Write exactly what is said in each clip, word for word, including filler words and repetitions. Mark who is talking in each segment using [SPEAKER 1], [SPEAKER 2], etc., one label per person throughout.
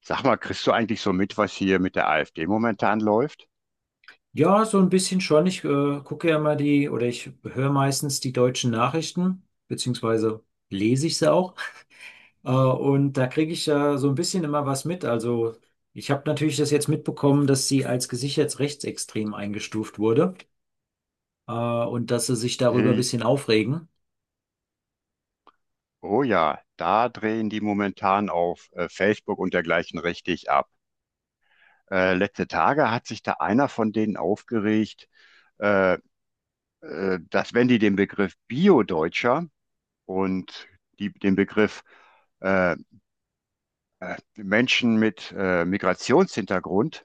[SPEAKER 1] Sag mal, kriegst du eigentlich so mit, was hier mit der AfD momentan läuft?
[SPEAKER 2] Ja, so ein bisschen schon. Ich äh, gucke ja mal die oder ich höre meistens die deutschen Nachrichten, beziehungsweise lese ich sie auch. Äh, und da kriege ich ja so ein bisschen immer was mit. Also ich habe natürlich das jetzt mitbekommen, dass sie als gesichert rechtsextrem eingestuft wurde äh, und dass sie sich darüber ein
[SPEAKER 1] Hey,
[SPEAKER 2] bisschen aufregen.
[SPEAKER 1] oh ja, da drehen die momentan auf äh, Facebook und dergleichen richtig ab. Äh, letzte Tage hat sich da einer von denen aufgeregt, äh, äh, dass wenn die den Begriff Bio-Deutscher und die, den Begriff äh, äh, Menschen mit äh, Migrationshintergrund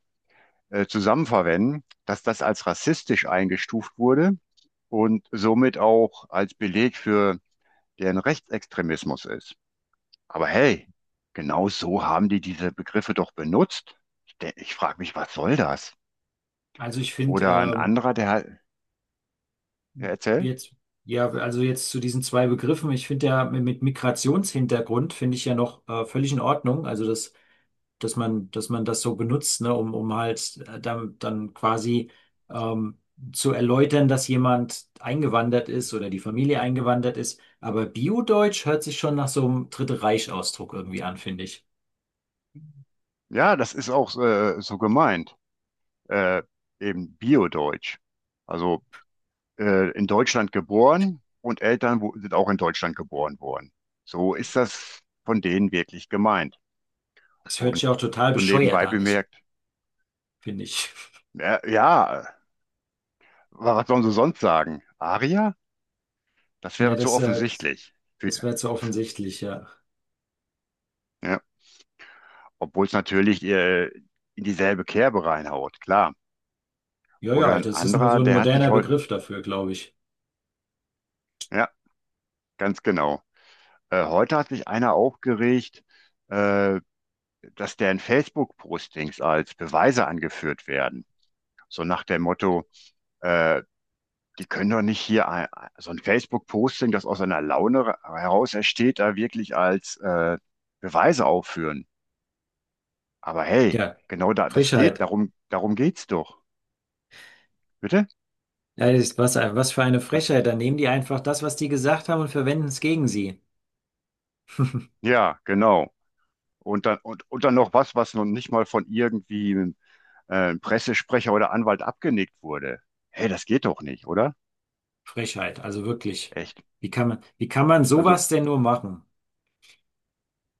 [SPEAKER 1] äh, zusammen verwenden, dass das als rassistisch eingestuft wurde und somit auch als Beleg für der ein Rechtsextremismus ist. Aber hey, genau so haben die diese Begriffe doch benutzt. Ich, de- ich frage mich, was soll das?
[SPEAKER 2] Also ich finde
[SPEAKER 1] Oder ein
[SPEAKER 2] ähm,
[SPEAKER 1] anderer, der hat, ja, erzähl.
[SPEAKER 2] jetzt, ja, also jetzt zu diesen zwei Begriffen, ich finde ja mit Migrationshintergrund finde ich ja noch äh, völlig in Ordnung. Also das dass man, dass man das so benutzt, ne, um, um halt äh, dann, dann quasi ähm, zu erläutern, dass jemand eingewandert ist oder die Familie eingewandert ist. Aber Bio-Deutsch hört sich schon nach so einem Dritte Reich-Ausdruck irgendwie an, finde ich.
[SPEAKER 1] Ja, das ist auch äh, so gemeint. Äh, eben Bio-Deutsch. Also äh, in Deutschland geboren und Eltern wo, sind auch in Deutschland geboren worden. So ist das von denen wirklich gemeint.
[SPEAKER 2] Das hört
[SPEAKER 1] Und
[SPEAKER 2] sich auch total
[SPEAKER 1] so
[SPEAKER 2] bescheuert
[SPEAKER 1] nebenbei
[SPEAKER 2] an, ich,
[SPEAKER 1] bemerkt,
[SPEAKER 2] finde ich.
[SPEAKER 1] ja, ja, was sollen sie sonst sagen? Aria? Das
[SPEAKER 2] Ja,
[SPEAKER 1] wäre zu
[SPEAKER 2] das, äh, das,
[SPEAKER 1] offensichtlich. Für-
[SPEAKER 2] das wäre zu offensichtlich, ja.
[SPEAKER 1] Ja. Obwohl es natürlich äh, in dieselbe Kerbe reinhaut, klar.
[SPEAKER 2] Ja,
[SPEAKER 1] Oder
[SPEAKER 2] ja,
[SPEAKER 1] ein
[SPEAKER 2] das ist nur so
[SPEAKER 1] anderer,
[SPEAKER 2] ein
[SPEAKER 1] der hat sich
[SPEAKER 2] moderner
[SPEAKER 1] heute,
[SPEAKER 2] Begriff dafür, glaube ich.
[SPEAKER 1] ja, ganz genau. Äh, heute hat sich einer aufgeregt, äh, dass deren Facebook-Postings als Beweise angeführt werden. So nach dem Motto, äh, die können doch nicht hier ein, so ein Facebook-Posting, das aus einer Laune ra- heraus entsteht, da wirklich als äh, Beweise aufführen. Aber hey,
[SPEAKER 2] Ja,
[SPEAKER 1] genau da, das geht,
[SPEAKER 2] Frechheit.
[SPEAKER 1] darum, darum geht's doch. Bitte?
[SPEAKER 2] Ja, das ist was, was für eine
[SPEAKER 1] Was?
[SPEAKER 2] Frechheit. Dann nehmen die einfach das, was die gesagt haben und verwenden es gegen sie.
[SPEAKER 1] Ja, genau. Und dann, und, und dann noch was, was noch nicht mal von irgendwie äh, einem äh, Pressesprecher oder Anwalt abgenickt wurde. Hey, das geht doch nicht, oder?
[SPEAKER 2] Frechheit, also wirklich.
[SPEAKER 1] Echt?
[SPEAKER 2] Wie kann man, wie kann man
[SPEAKER 1] Also,
[SPEAKER 2] sowas denn nur machen?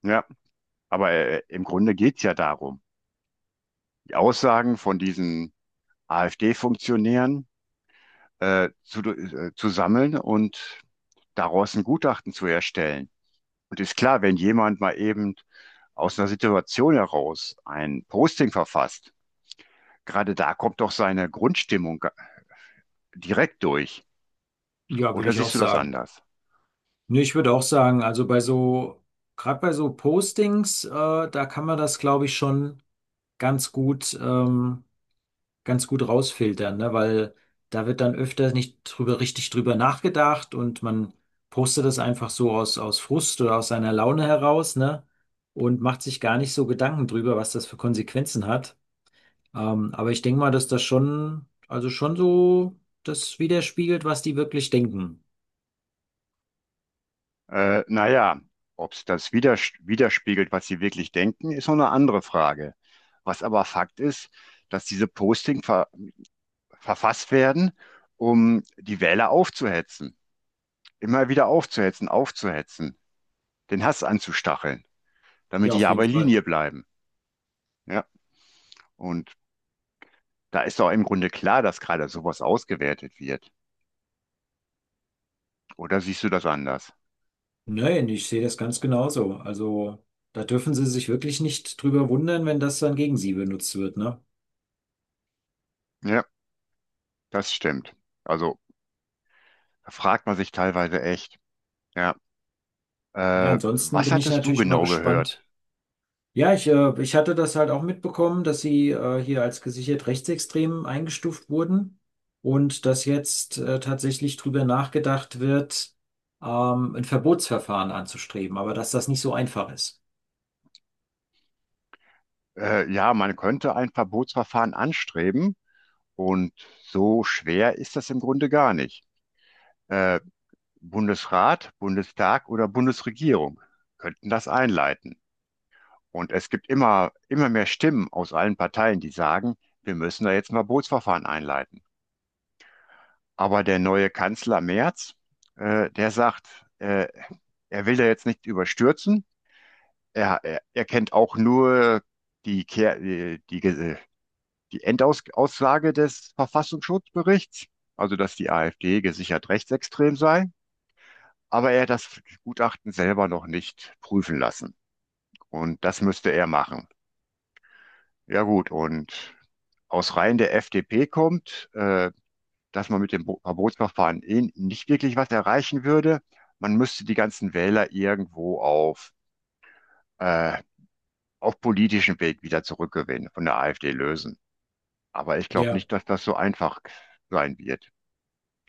[SPEAKER 1] ja, aber äh, im Grunde geht's ja darum, die Aussagen von diesen AfD-Funktionären äh, zu, äh, zu sammeln und daraus ein Gutachten zu erstellen. Und ist klar, wenn jemand mal eben aus einer Situation heraus ein Posting verfasst, gerade da kommt doch seine Grundstimmung direkt durch.
[SPEAKER 2] Ja, würde
[SPEAKER 1] Oder
[SPEAKER 2] ich auch
[SPEAKER 1] siehst du das
[SPEAKER 2] sagen.
[SPEAKER 1] anders?
[SPEAKER 2] Nee, ich würde auch sagen, also bei so, gerade bei so Postings, äh, da kann man das, glaube ich, schon ganz gut, ähm, ganz gut rausfiltern, ne? Weil da wird dann öfter nicht drüber, richtig drüber nachgedacht und man postet das einfach so aus, aus Frust oder aus seiner Laune heraus, ne? Und macht sich gar nicht so Gedanken drüber, was das für Konsequenzen hat. Ähm, aber ich denke mal, dass das schon, also schon so das widerspiegelt, was die wirklich denken.
[SPEAKER 1] Äh, naja, ob es das widers widerspiegelt, was sie wirklich denken, ist noch eine andere Frage. Was aber Fakt ist, dass diese Posting ver verfasst werden, um die Wähler aufzuhetzen. Immer wieder aufzuhetzen, aufzuhetzen, den Hass anzustacheln, damit
[SPEAKER 2] Ja,
[SPEAKER 1] die
[SPEAKER 2] auf
[SPEAKER 1] ja
[SPEAKER 2] jeden
[SPEAKER 1] bei
[SPEAKER 2] Fall.
[SPEAKER 1] Linie bleiben. Ja, und da ist doch im Grunde klar, dass gerade sowas ausgewertet wird. Oder siehst du das anders?
[SPEAKER 2] Nein, ich sehe das ganz genauso. Also da dürfen sie sich wirklich nicht drüber wundern, wenn das dann gegen sie benutzt wird, ne?
[SPEAKER 1] Ja, das stimmt. Also da fragt man sich teilweise echt, ja,
[SPEAKER 2] Ja,
[SPEAKER 1] äh,
[SPEAKER 2] ansonsten
[SPEAKER 1] was
[SPEAKER 2] bin ich
[SPEAKER 1] hattest du
[SPEAKER 2] natürlich mal
[SPEAKER 1] genau gehört?
[SPEAKER 2] gespannt. Ja, ich, äh, ich hatte das halt auch mitbekommen, dass sie äh, hier als gesichert rechtsextrem eingestuft wurden und dass jetzt äh, tatsächlich drüber nachgedacht wird, ähm, ein Verbotsverfahren anzustreben, aber dass das nicht so einfach ist.
[SPEAKER 1] Äh, ja, man könnte ein Verbotsverfahren anstreben und so schwer ist das im Grunde gar nicht. Äh, Bundesrat, Bundestag oder Bundesregierung könnten das einleiten. Und es gibt immer, immer mehr Stimmen aus allen Parteien, die sagen, wir müssen da jetzt ein Verbotsverfahren einleiten. Aber der neue Kanzler Merz, äh, der sagt, äh, er will da jetzt nicht überstürzen. Er, er, er kennt auch nur die, Kehr, die, die, Ge- äh, die Endaussage des Verfassungsschutzberichts, also dass die AfD gesichert rechtsextrem sei. Aber er hat das Gutachten selber noch nicht prüfen lassen. Und das müsste er machen. Ja gut, und aus Reihen der F D P kommt, äh, dass man mit dem Bo- Verbotsverfahren eh nicht wirklich was erreichen würde. Man müsste die ganzen Wähler irgendwo auf, äh, auf politischem Weg wieder zurückgewinnen, von der AfD lösen. Aber ich glaube
[SPEAKER 2] Ja,
[SPEAKER 1] nicht, dass das so einfach sein wird.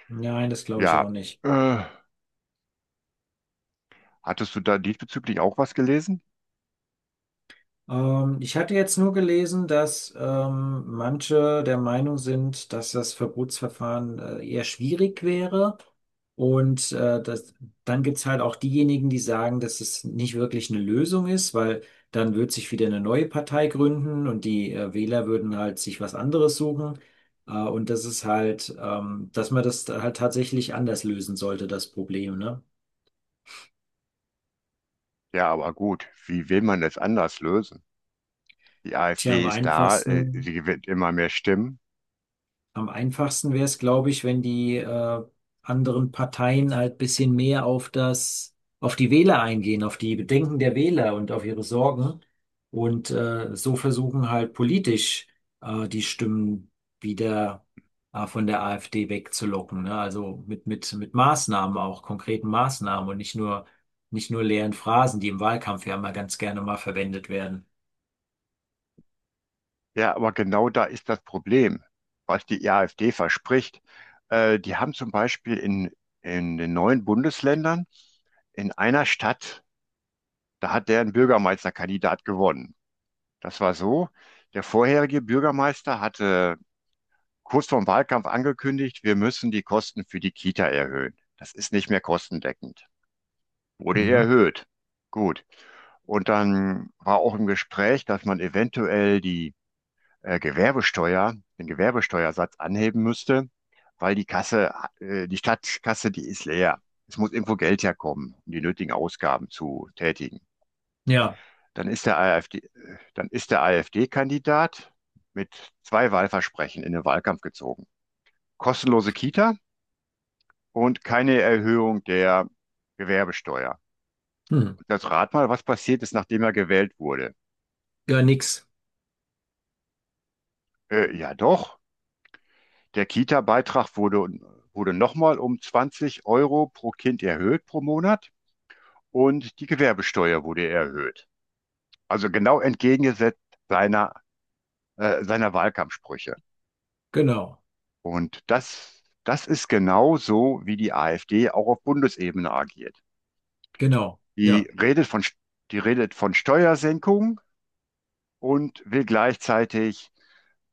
[SPEAKER 2] nein, das glaube ich
[SPEAKER 1] Ja,
[SPEAKER 2] auch nicht.
[SPEAKER 1] äh, hattest du da diesbezüglich auch was gelesen?
[SPEAKER 2] Ähm, ich hatte jetzt nur gelesen, dass ähm, manche der Meinung sind, dass das Verbotsverfahren äh, eher schwierig wäre. Und äh, das, dann gibt es halt auch diejenigen, die sagen, dass es nicht wirklich eine Lösung ist, weil dann wird sich wieder eine neue Partei gründen und die äh, Wähler würden halt sich was anderes suchen. Äh, und das ist halt, ähm, dass man das halt tatsächlich anders lösen sollte, das Problem, ne?
[SPEAKER 1] Ja, aber gut, wie will man es anders lösen? Die
[SPEAKER 2] Tja, am
[SPEAKER 1] AfD ist da, äh, sie
[SPEAKER 2] einfachsten
[SPEAKER 1] gewinnt immer mehr Stimmen.
[SPEAKER 2] am einfachsten wäre es, glaube ich, wenn die äh, anderen Parteien halt bisschen mehr auf das, auf die Wähler eingehen, auf die Bedenken der Wähler und auf ihre Sorgen und äh, so versuchen halt politisch äh, die Stimmen wieder äh, von der AfD wegzulocken, ne? Also mit mit mit Maßnahmen auch, konkreten Maßnahmen und nicht nur nicht nur leeren Phrasen, die im Wahlkampf ja mal ganz gerne mal verwendet werden.
[SPEAKER 1] Ja, aber genau da ist das Problem, was die AfD verspricht. Äh, die haben zum Beispiel in, in den neuen Bundesländern in einer Stadt, da hat deren Bürgermeisterkandidat gewonnen. Das war so, der vorherige Bürgermeister hatte kurz vor dem Wahlkampf angekündigt, wir müssen die Kosten für die Kita erhöhen. Das ist nicht mehr kostendeckend. Wurde
[SPEAKER 2] Mhm.
[SPEAKER 1] erhöht. Gut. Und dann war auch im Gespräch, dass man eventuell die äh, Gewerbesteuer, den Gewerbesteuersatz anheben müsste, weil die Kasse, äh, die Stadtkasse, die ist leer. Es muss irgendwo Geld herkommen, um die nötigen Ausgaben zu tätigen.
[SPEAKER 2] Ja,
[SPEAKER 1] Dann ist der AfD, äh, dann ist der AfD-Kandidat mit zwei Wahlversprechen in den Wahlkampf gezogen. Kostenlose Kita und keine Erhöhung der Gewerbesteuer.
[SPEAKER 2] hm.
[SPEAKER 1] Und jetzt rat mal, was passiert ist, nachdem er gewählt wurde.
[SPEAKER 2] Ja, nix.
[SPEAKER 1] Äh, ja doch, der Kita-Beitrag wurde, wurde nochmal um zwanzig Euro pro Kind erhöht pro Monat und die Gewerbesteuer wurde erhöht. Also genau entgegengesetzt seiner, äh, seiner Wahlkampfsprüche.
[SPEAKER 2] Genau,
[SPEAKER 1] Und das, das ist genau so, wie die AfD auch auf Bundesebene agiert.
[SPEAKER 2] genau,
[SPEAKER 1] Die
[SPEAKER 2] ja,
[SPEAKER 1] redet von, Die redet von Steuersenkung und will gleichzeitig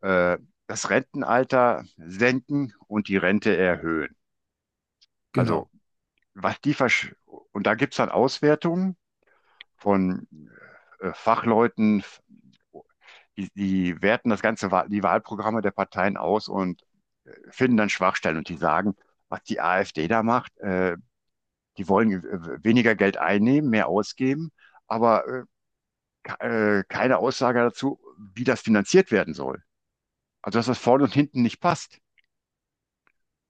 [SPEAKER 1] äh, das Rentenalter senken und die Rente erhöhen. Also,
[SPEAKER 2] genau.
[SPEAKER 1] was die versch und da gibt es dann Auswertungen von äh, Fachleuten, die, die werten das ganze, Wahl- die Wahlprogramme der Parteien aus und finden dann Schwachstellen und die sagen, was die AfD da macht, äh, die wollen äh, weniger Geld einnehmen, mehr ausgeben, aber äh, ke- äh, keine Aussage dazu, wie das finanziert werden soll. Also, dass das vorne und hinten nicht passt.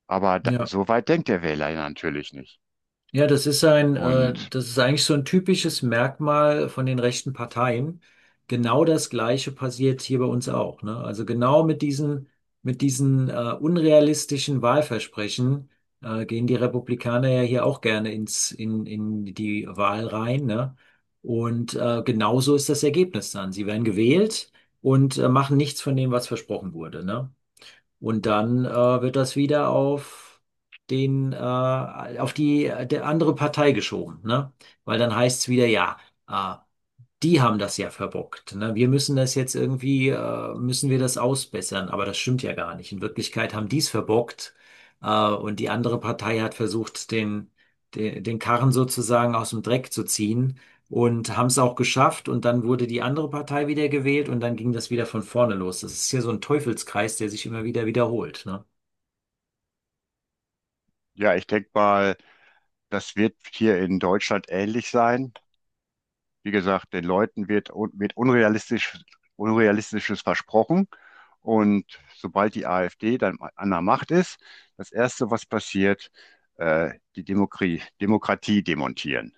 [SPEAKER 1] Aber da,
[SPEAKER 2] Ja,
[SPEAKER 1] so weit denkt der Wähler ja natürlich nicht.
[SPEAKER 2] ja, das ist ein, äh,
[SPEAKER 1] Und
[SPEAKER 2] das ist eigentlich so ein typisches Merkmal von den rechten Parteien. Genau das Gleiche passiert hier bei uns auch, ne? Also genau mit diesen, mit diesen, äh, unrealistischen Wahlversprechen, äh, gehen die Republikaner ja hier auch gerne ins, in, in die Wahl rein, ne? Und äh, genauso ist das Ergebnis dann. Sie werden gewählt und äh, machen nichts von dem, was versprochen wurde, ne? Und dann äh, wird das wieder auf den, äh, auf die, der andere Partei geschoben, ne? Weil dann heißt es wieder, ja, äh, die haben das ja verbockt. Ne? Wir müssen das jetzt irgendwie, äh, müssen wir das ausbessern. Aber das stimmt ja gar nicht. In Wirklichkeit haben die es verbockt, äh, und die andere Partei hat versucht, den, den, den Karren sozusagen aus dem Dreck zu ziehen und haben es auch geschafft. Und dann wurde die andere Partei wieder gewählt und dann ging das wieder von vorne los. Das ist hier so ein Teufelskreis, der sich immer wieder wiederholt. Ne?
[SPEAKER 1] ja, ich denke mal, das wird hier in Deutschland ähnlich sein. Wie gesagt, den Leuten wird, un- wird unrealistisch, Unrealistisches versprochen. Und sobald die AfD dann an der Macht ist, das Erste, was passiert, äh, die Demokratie, Demokratie demontieren.